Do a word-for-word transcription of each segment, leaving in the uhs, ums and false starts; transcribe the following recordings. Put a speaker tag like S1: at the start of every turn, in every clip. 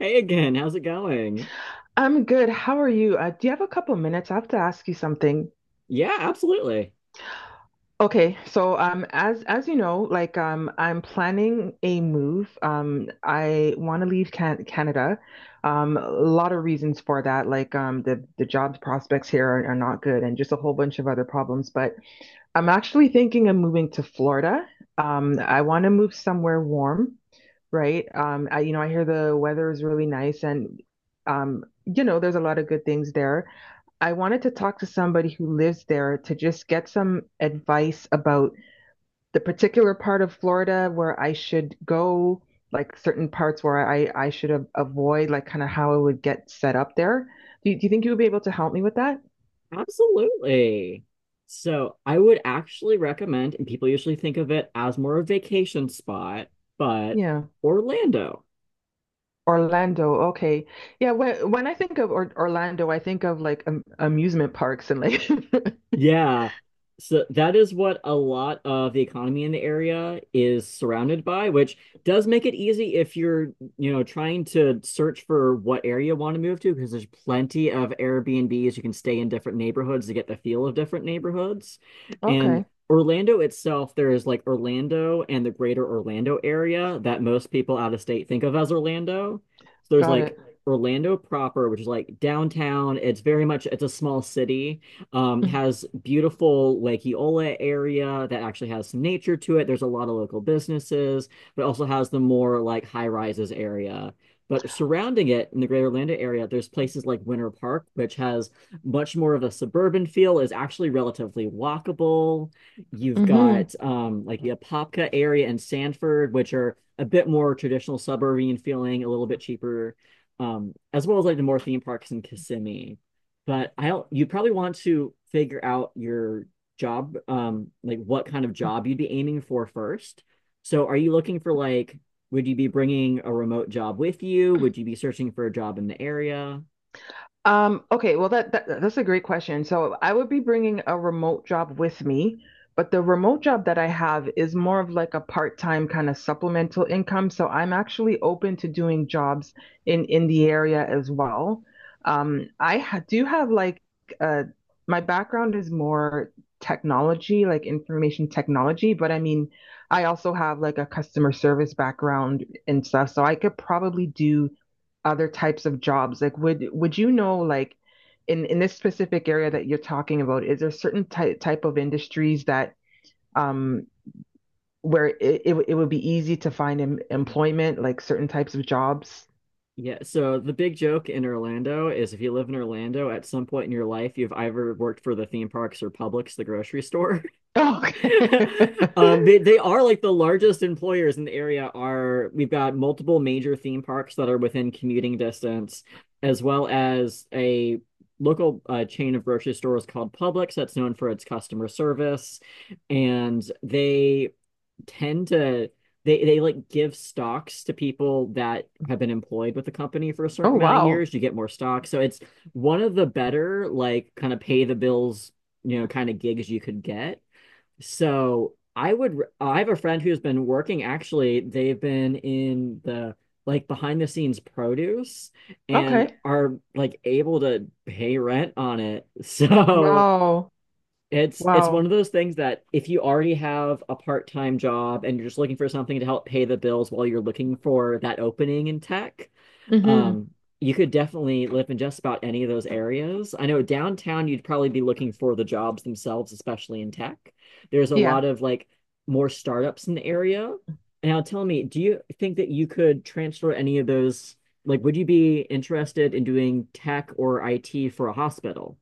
S1: Hey again, how's it going?
S2: I'm good. How are you? Uh, do you have a couple minutes? I have to ask you something.
S1: Yeah, absolutely.
S2: Okay, so um, as as you know, like um, I'm planning a move. Um, I want to leave Can Canada. Um, a lot of reasons for that, like um, the the job prospects here are, are not good, and just a whole bunch of other problems. But I'm actually thinking of moving to Florida. Um, I want to move somewhere warm, right? Um, I, you know, I hear the weather is really nice and, um, you know, there's a lot of good things there. I wanted to talk to somebody who lives there to just get some advice about the particular part of Florida where I should go, like certain parts where I, I should a- avoid, like kind of how I would get set up there. Do you, do you think you would be able to help me with that?
S1: Absolutely. So I would actually recommend, and people usually think of it as more of a vacation spot, but
S2: Yeah.
S1: Orlando.
S2: Orlando, okay. Yeah, when when I think of or Orlando, I think of like um, amusement parks and like
S1: Yeah. So that is what a lot of the economy in the area is surrounded by, which does make it easy if you're, you know, trying to search for what area you want to move to, because there's plenty of Airbnbs. You can stay in different neighborhoods to get the feel of different neighborhoods. And
S2: Okay,
S1: Orlando itself, there is like Orlando and the greater Orlando area that most people out of state think of as Orlando. So there's
S2: got
S1: like
S2: it.
S1: Orlando proper, which is like downtown. It's very much, it's a small city, um,
S2: Mm.
S1: has beautiful Lake Eola area that actually has some nature to it. There's a lot of local businesses, but also has the more like high rises area. But surrounding it in the greater Orlando area, there's places like Winter Park, which has much more of a suburban feel, is actually relatively walkable. You've
S2: Mm-hmm.
S1: got um, like the Apopka area and Sanford, which are a bit more traditional suburban feeling, a little bit cheaper, um, as well as like the more theme parks in Kissimmee but I don't. You probably want to figure out your job, um, like what kind of job you'd be aiming for first. So, are you looking for like, would you be bringing a remote job with you? Would you be searching for a job in the area?
S2: Um, okay, well that, that that's a great question. So I would be bringing a remote job with me, but the remote job that I have is more of like a part-time kind of supplemental income. So I'm actually open to doing jobs in in the area as well. Um, I ha do have like uh my background is more technology, like information technology, but I mean, I also have like a customer service background and stuff, so I could probably do other types of jobs? Like, would would you know like in in this specific area that you're talking about, is there certain ty type of industries that um where it, it would- it would be easy to find em employment, like certain types of jobs?
S1: Yeah, so the big joke in Orlando is if you live in Orlando, at some point in your life, you've either worked for the theme parks or Publix, the grocery store.
S2: Oh, okay.
S1: Um, they they are like the largest employers in the area are we've got multiple major theme parks that are within commuting distance, as well as a local uh, chain of grocery stores called Publix that's known for its customer service, and they tend to they they like give stocks to people that have been employed with the company for a
S2: Oh,
S1: certain amount of
S2: wow.
S1: years. You get more stock, so it's one of the better like kind of pay the bills, you know, kind of gigs you could get. So I would, I have a friend who's been working, actually, they've been in the like behind the scenes produce and
S2: Okay.
S1: are like able to pay rent on it. So
S2: Wow.
S1: it's it's one
S2: Wow.
S1: of those things that if you already have a part-time job and you're just looking for something to help pay the bills while you're looking for that opening in tech,
S2: Hmm.
S1: um, you could definitely live in just about any of those areas. I know downtown you'd probably be looking for the jobs themselves, especially in tech. There's a
S2: Yeah.
S1: lot of like more startups in the area. Now tell me, do you think that you could transfer any of those? Like, would you be interested in doing tech or I T for a hospital?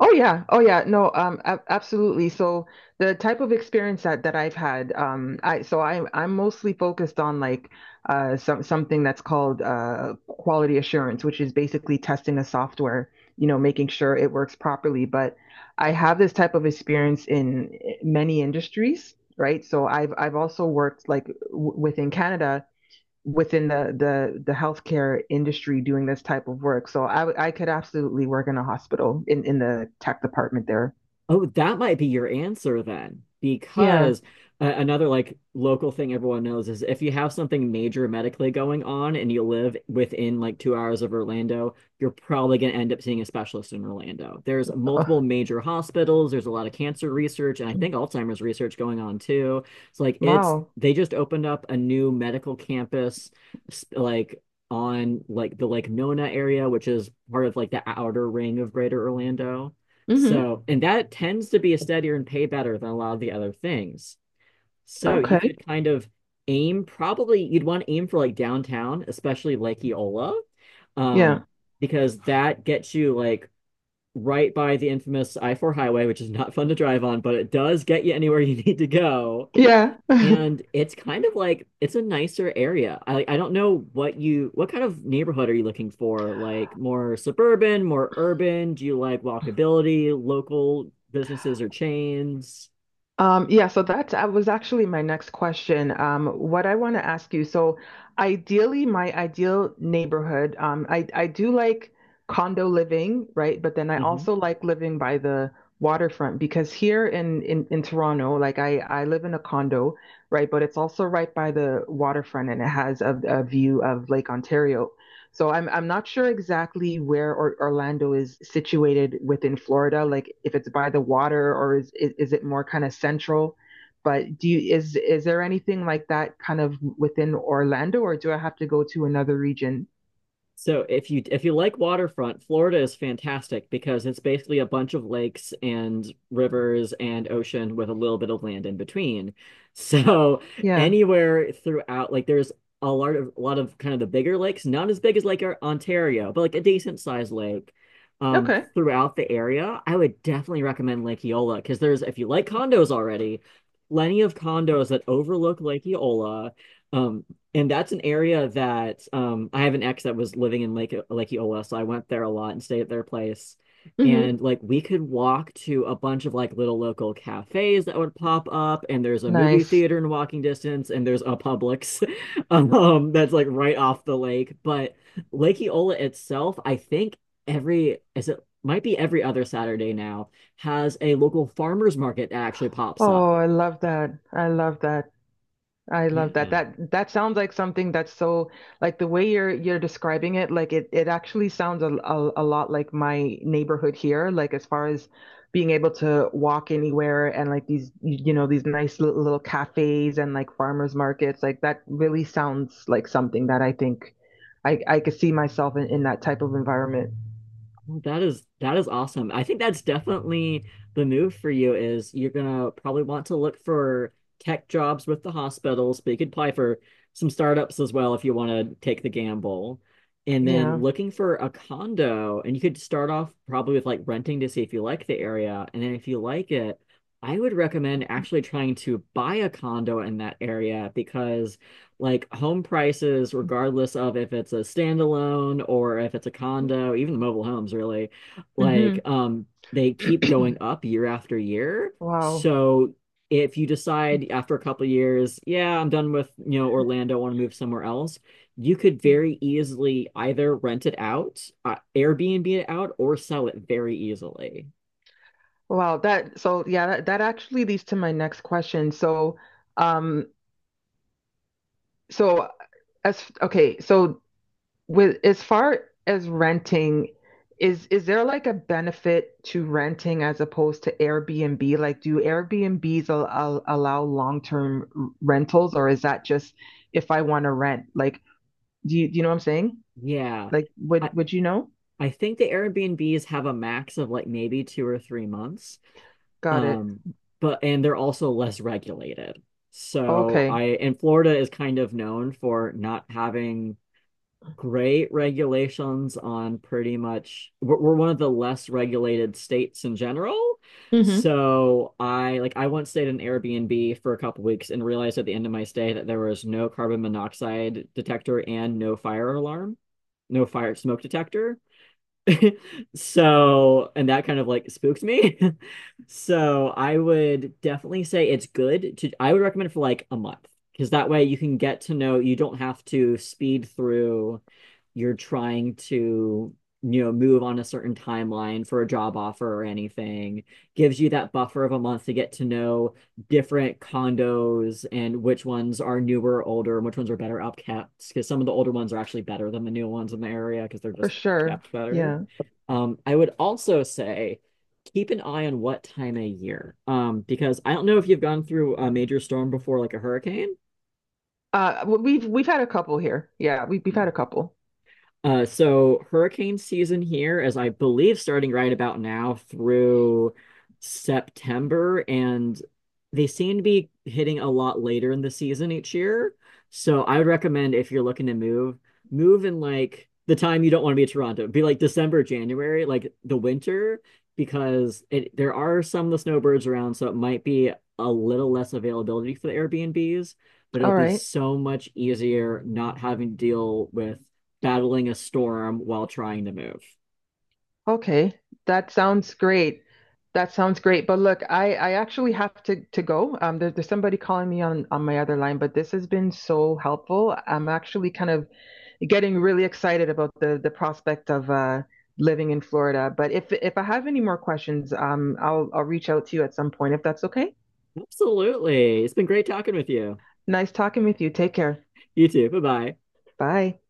S2: Oh yeah. Oh yeah. No, um ab absolutely. So the type of experience that that I've had, um I so I I'm mostly focused on like uh some something that's called uh quality assurance, which is basically testing the software, you know, making sure it works properly, but I have this type of experience in eh, many industries, right? So I've I've also worked like w within Canada, within the the the healthcare industry doing this type of work. So I I could absolutely work in a hospital in in the tech department there.
S1: Oh, that might be your answer then,
S2: Yeah.
S1: because uh, another like local thing everyone knows is if you have something major medically going on and you live within like two hours of Orlando, you're probably going to end up seeing a specialist in Orlando. There's
S2: Oh,
S1: multiple major hospitals. There's a lot of cancer research, and I think Alzheimer's research going on too. So like it's
S2: wow.
S1: they just opened up a new medical campus, sp- like on like the Lake Nona area, which is part of like the outer ring of Greater Orlando.
S2: Hmm.
S1: So, and that tends to be a steadier and pay better than a lot of the other things. So you
S2: Okay.
S1: could kind of aim, probably you'd want to aim for like downtown, especially Lake Eola,
S2: Yeah.
S1: um, because that gets you like right by the infamous I four highway, which is not fun to drive on, but it does get you anywhere you need to go.
S2: Yeah.
S1: And it's kind of like it's a nicer area. I I don't know what you what kind of neighborhood are you looking for? Like more suburban, more urban? Do you like walkability, local businesses or chains?
S2: Um, yeah, so that's that was actually my next question. Um, what I want to ask you, so ideally, my ideal neighborhood, um, I I do like condo living, right? But then I
S1: Mhm.
S2: also like living by the waterfront because here in in in Toronto, like I I live in a condo, right? But it's also right by the waterfront and it has a, a view of Lake Ontario. So I'm I'm not sure exactly where or, Orlando is situated within Florida, like if it's by the water, or is is, is it more kind of central? But do you is is there anything like that kind of within Orlando, or do I have to go to another region?
S1: So if you if you like waterfront, Florida is fantastic because it's basically a bunch of lakes and rivers and ocean with a little bit of land in between. So
S2: Yeah.
S1: anywhere throughout, like there's a lot of a lot of kind of the bigger lakes, not as big as like our Ontario, but like a decent sized lake um
S2: Okay.
S1: throughout the area. I would definitely recommend Lake Eola because there's if you like condos already, plenty of condos that overlook Lake Eola. Um, and that's an area that um I have an ex that was living in Lake Lake Eola, so I went there a lot and stayed at their place. And
S2: Hmm.
S1: like we could walk to a bunch of like little local cafes that would pop up, and there's a movie
S2: Nice.
S1: theater in walking distance, and there's a Publix um that's like right off the lake. But Lake Eola itself, I think every is it might be every other Saturday now, has a local farmers market that actually pops
S2: Oh,
S1: up.
S2: I love that. I love that. I
S1: Yeah.
S2: love that. That that sounds like something that's so, like the way you're you're describing it, like it it actually sounds a, a, a lot like my neighborhood here, like as far as being able to walk anywhere and like these you you know these nice little, little cafes and like farmers markets, like that really sounds like something that I think I I could see myself in, in that type of environment.
S1: Well, that is that is awesome. I think that's definitely the move for you is you're gonna probably want to look for tech jobs with the hospitals, but you could apply for some startups as well if you want to take the gamble. And then
S2: Yeah.
S1: looking for a condo, and you could start off probably with like renting to see if you like the area. And then if you like it, I would recommend actually trying to buy a condo in that area because like home prices, regardless of if it's a standalone or if it's a condo, even the mobile homes really, like
S2: Hmm.
S1: um they keep going up year after year.
S2: Wow.
S1: So if you decide after a couple of years, yeah, I'm done with, you know, Orlando, I want to move somewhere else, you could very easily either rent it out, uh, Airbnb it out, or sell it very easily.
S2: Wow, that, so yeah, that, that actually leads to my next question. So, um, so as okay, so with as far as renting, is is there like a benefit to renting as opposed to Airbnb? Like, do Airbnbs al al allow long-term r- rentals, or is that just if I want to rent? Like, do you, do you know what I'm saying?
S1: Yeah.
S2: Like, would
S1: I
S2: would you know?
S1: I think the Airbnbs have a max of like maybe two or three months.
S2: Got it.
S1: Um, but and they're also less regulated. So
S2: Okay.
S1: I and Florida is kind of known for not having great regulations on pretty much we're, we're one of the less regulated states in general.
S2: Mm-hmm.
S1: So I like I once stayed in Airbnb for a couple weeks and realized at the end of my stay that there was no carbon monoxide detector and no fire alarm, no fire smoke detector. So, and that kind of like spooked me. So, I would definitely say it's good to, I would recommend it for like a month because that way you can get to know, you don't have to speed through. You're trying to, you know, move on a certain timeline for a job offer or anything. Gives you that buffer of a month to get to know different condos and which ones are newer, older, and which ones are better upkept. Because some of the older ones are actually better than the new ones in the area because they're
S2: For
S1: just
S2: sure.
S1: kept better.
S2: Yeah.
S1: Um, I would also say keep an eye on what time of year, um, because I don't know if you've gone through a major storm before, like a hurricane.
S2: Uh, w- we've we've had a couple here. Yeah, we we've had a couple.
S1: Uh, so hurricane season here is, I believe, starting right about now through September, and they seem to be hitting a lot later in the season each year. So I would recommend if you're looking to move, move in like the time you don't want to be in Toronto. Be like December, January, like the winter, because it, there are some of the snowbirds around, so it might be a little less availability for the Airbnbs, but it'll
S2: All
S1: be
S2: right.
S1: so much easier not having to deal with battling a storm while trying to move.
S2: Okay. That sounds great. That sounds great. But look, I I actually have to to go. Um, there, there's somebody calling me on on my other line, but this has been so helpful. I'm actually kind of getting really excited about the the prospect of uh living in Florida. But if if I have any more questions, um, I'll I'll reach out to you at some point if that's okay.
S1: Absolutely. It's been great talking with you.
S2: Nice talking with you. Take care.
S1: You too. Bye bye.
S2: Bye.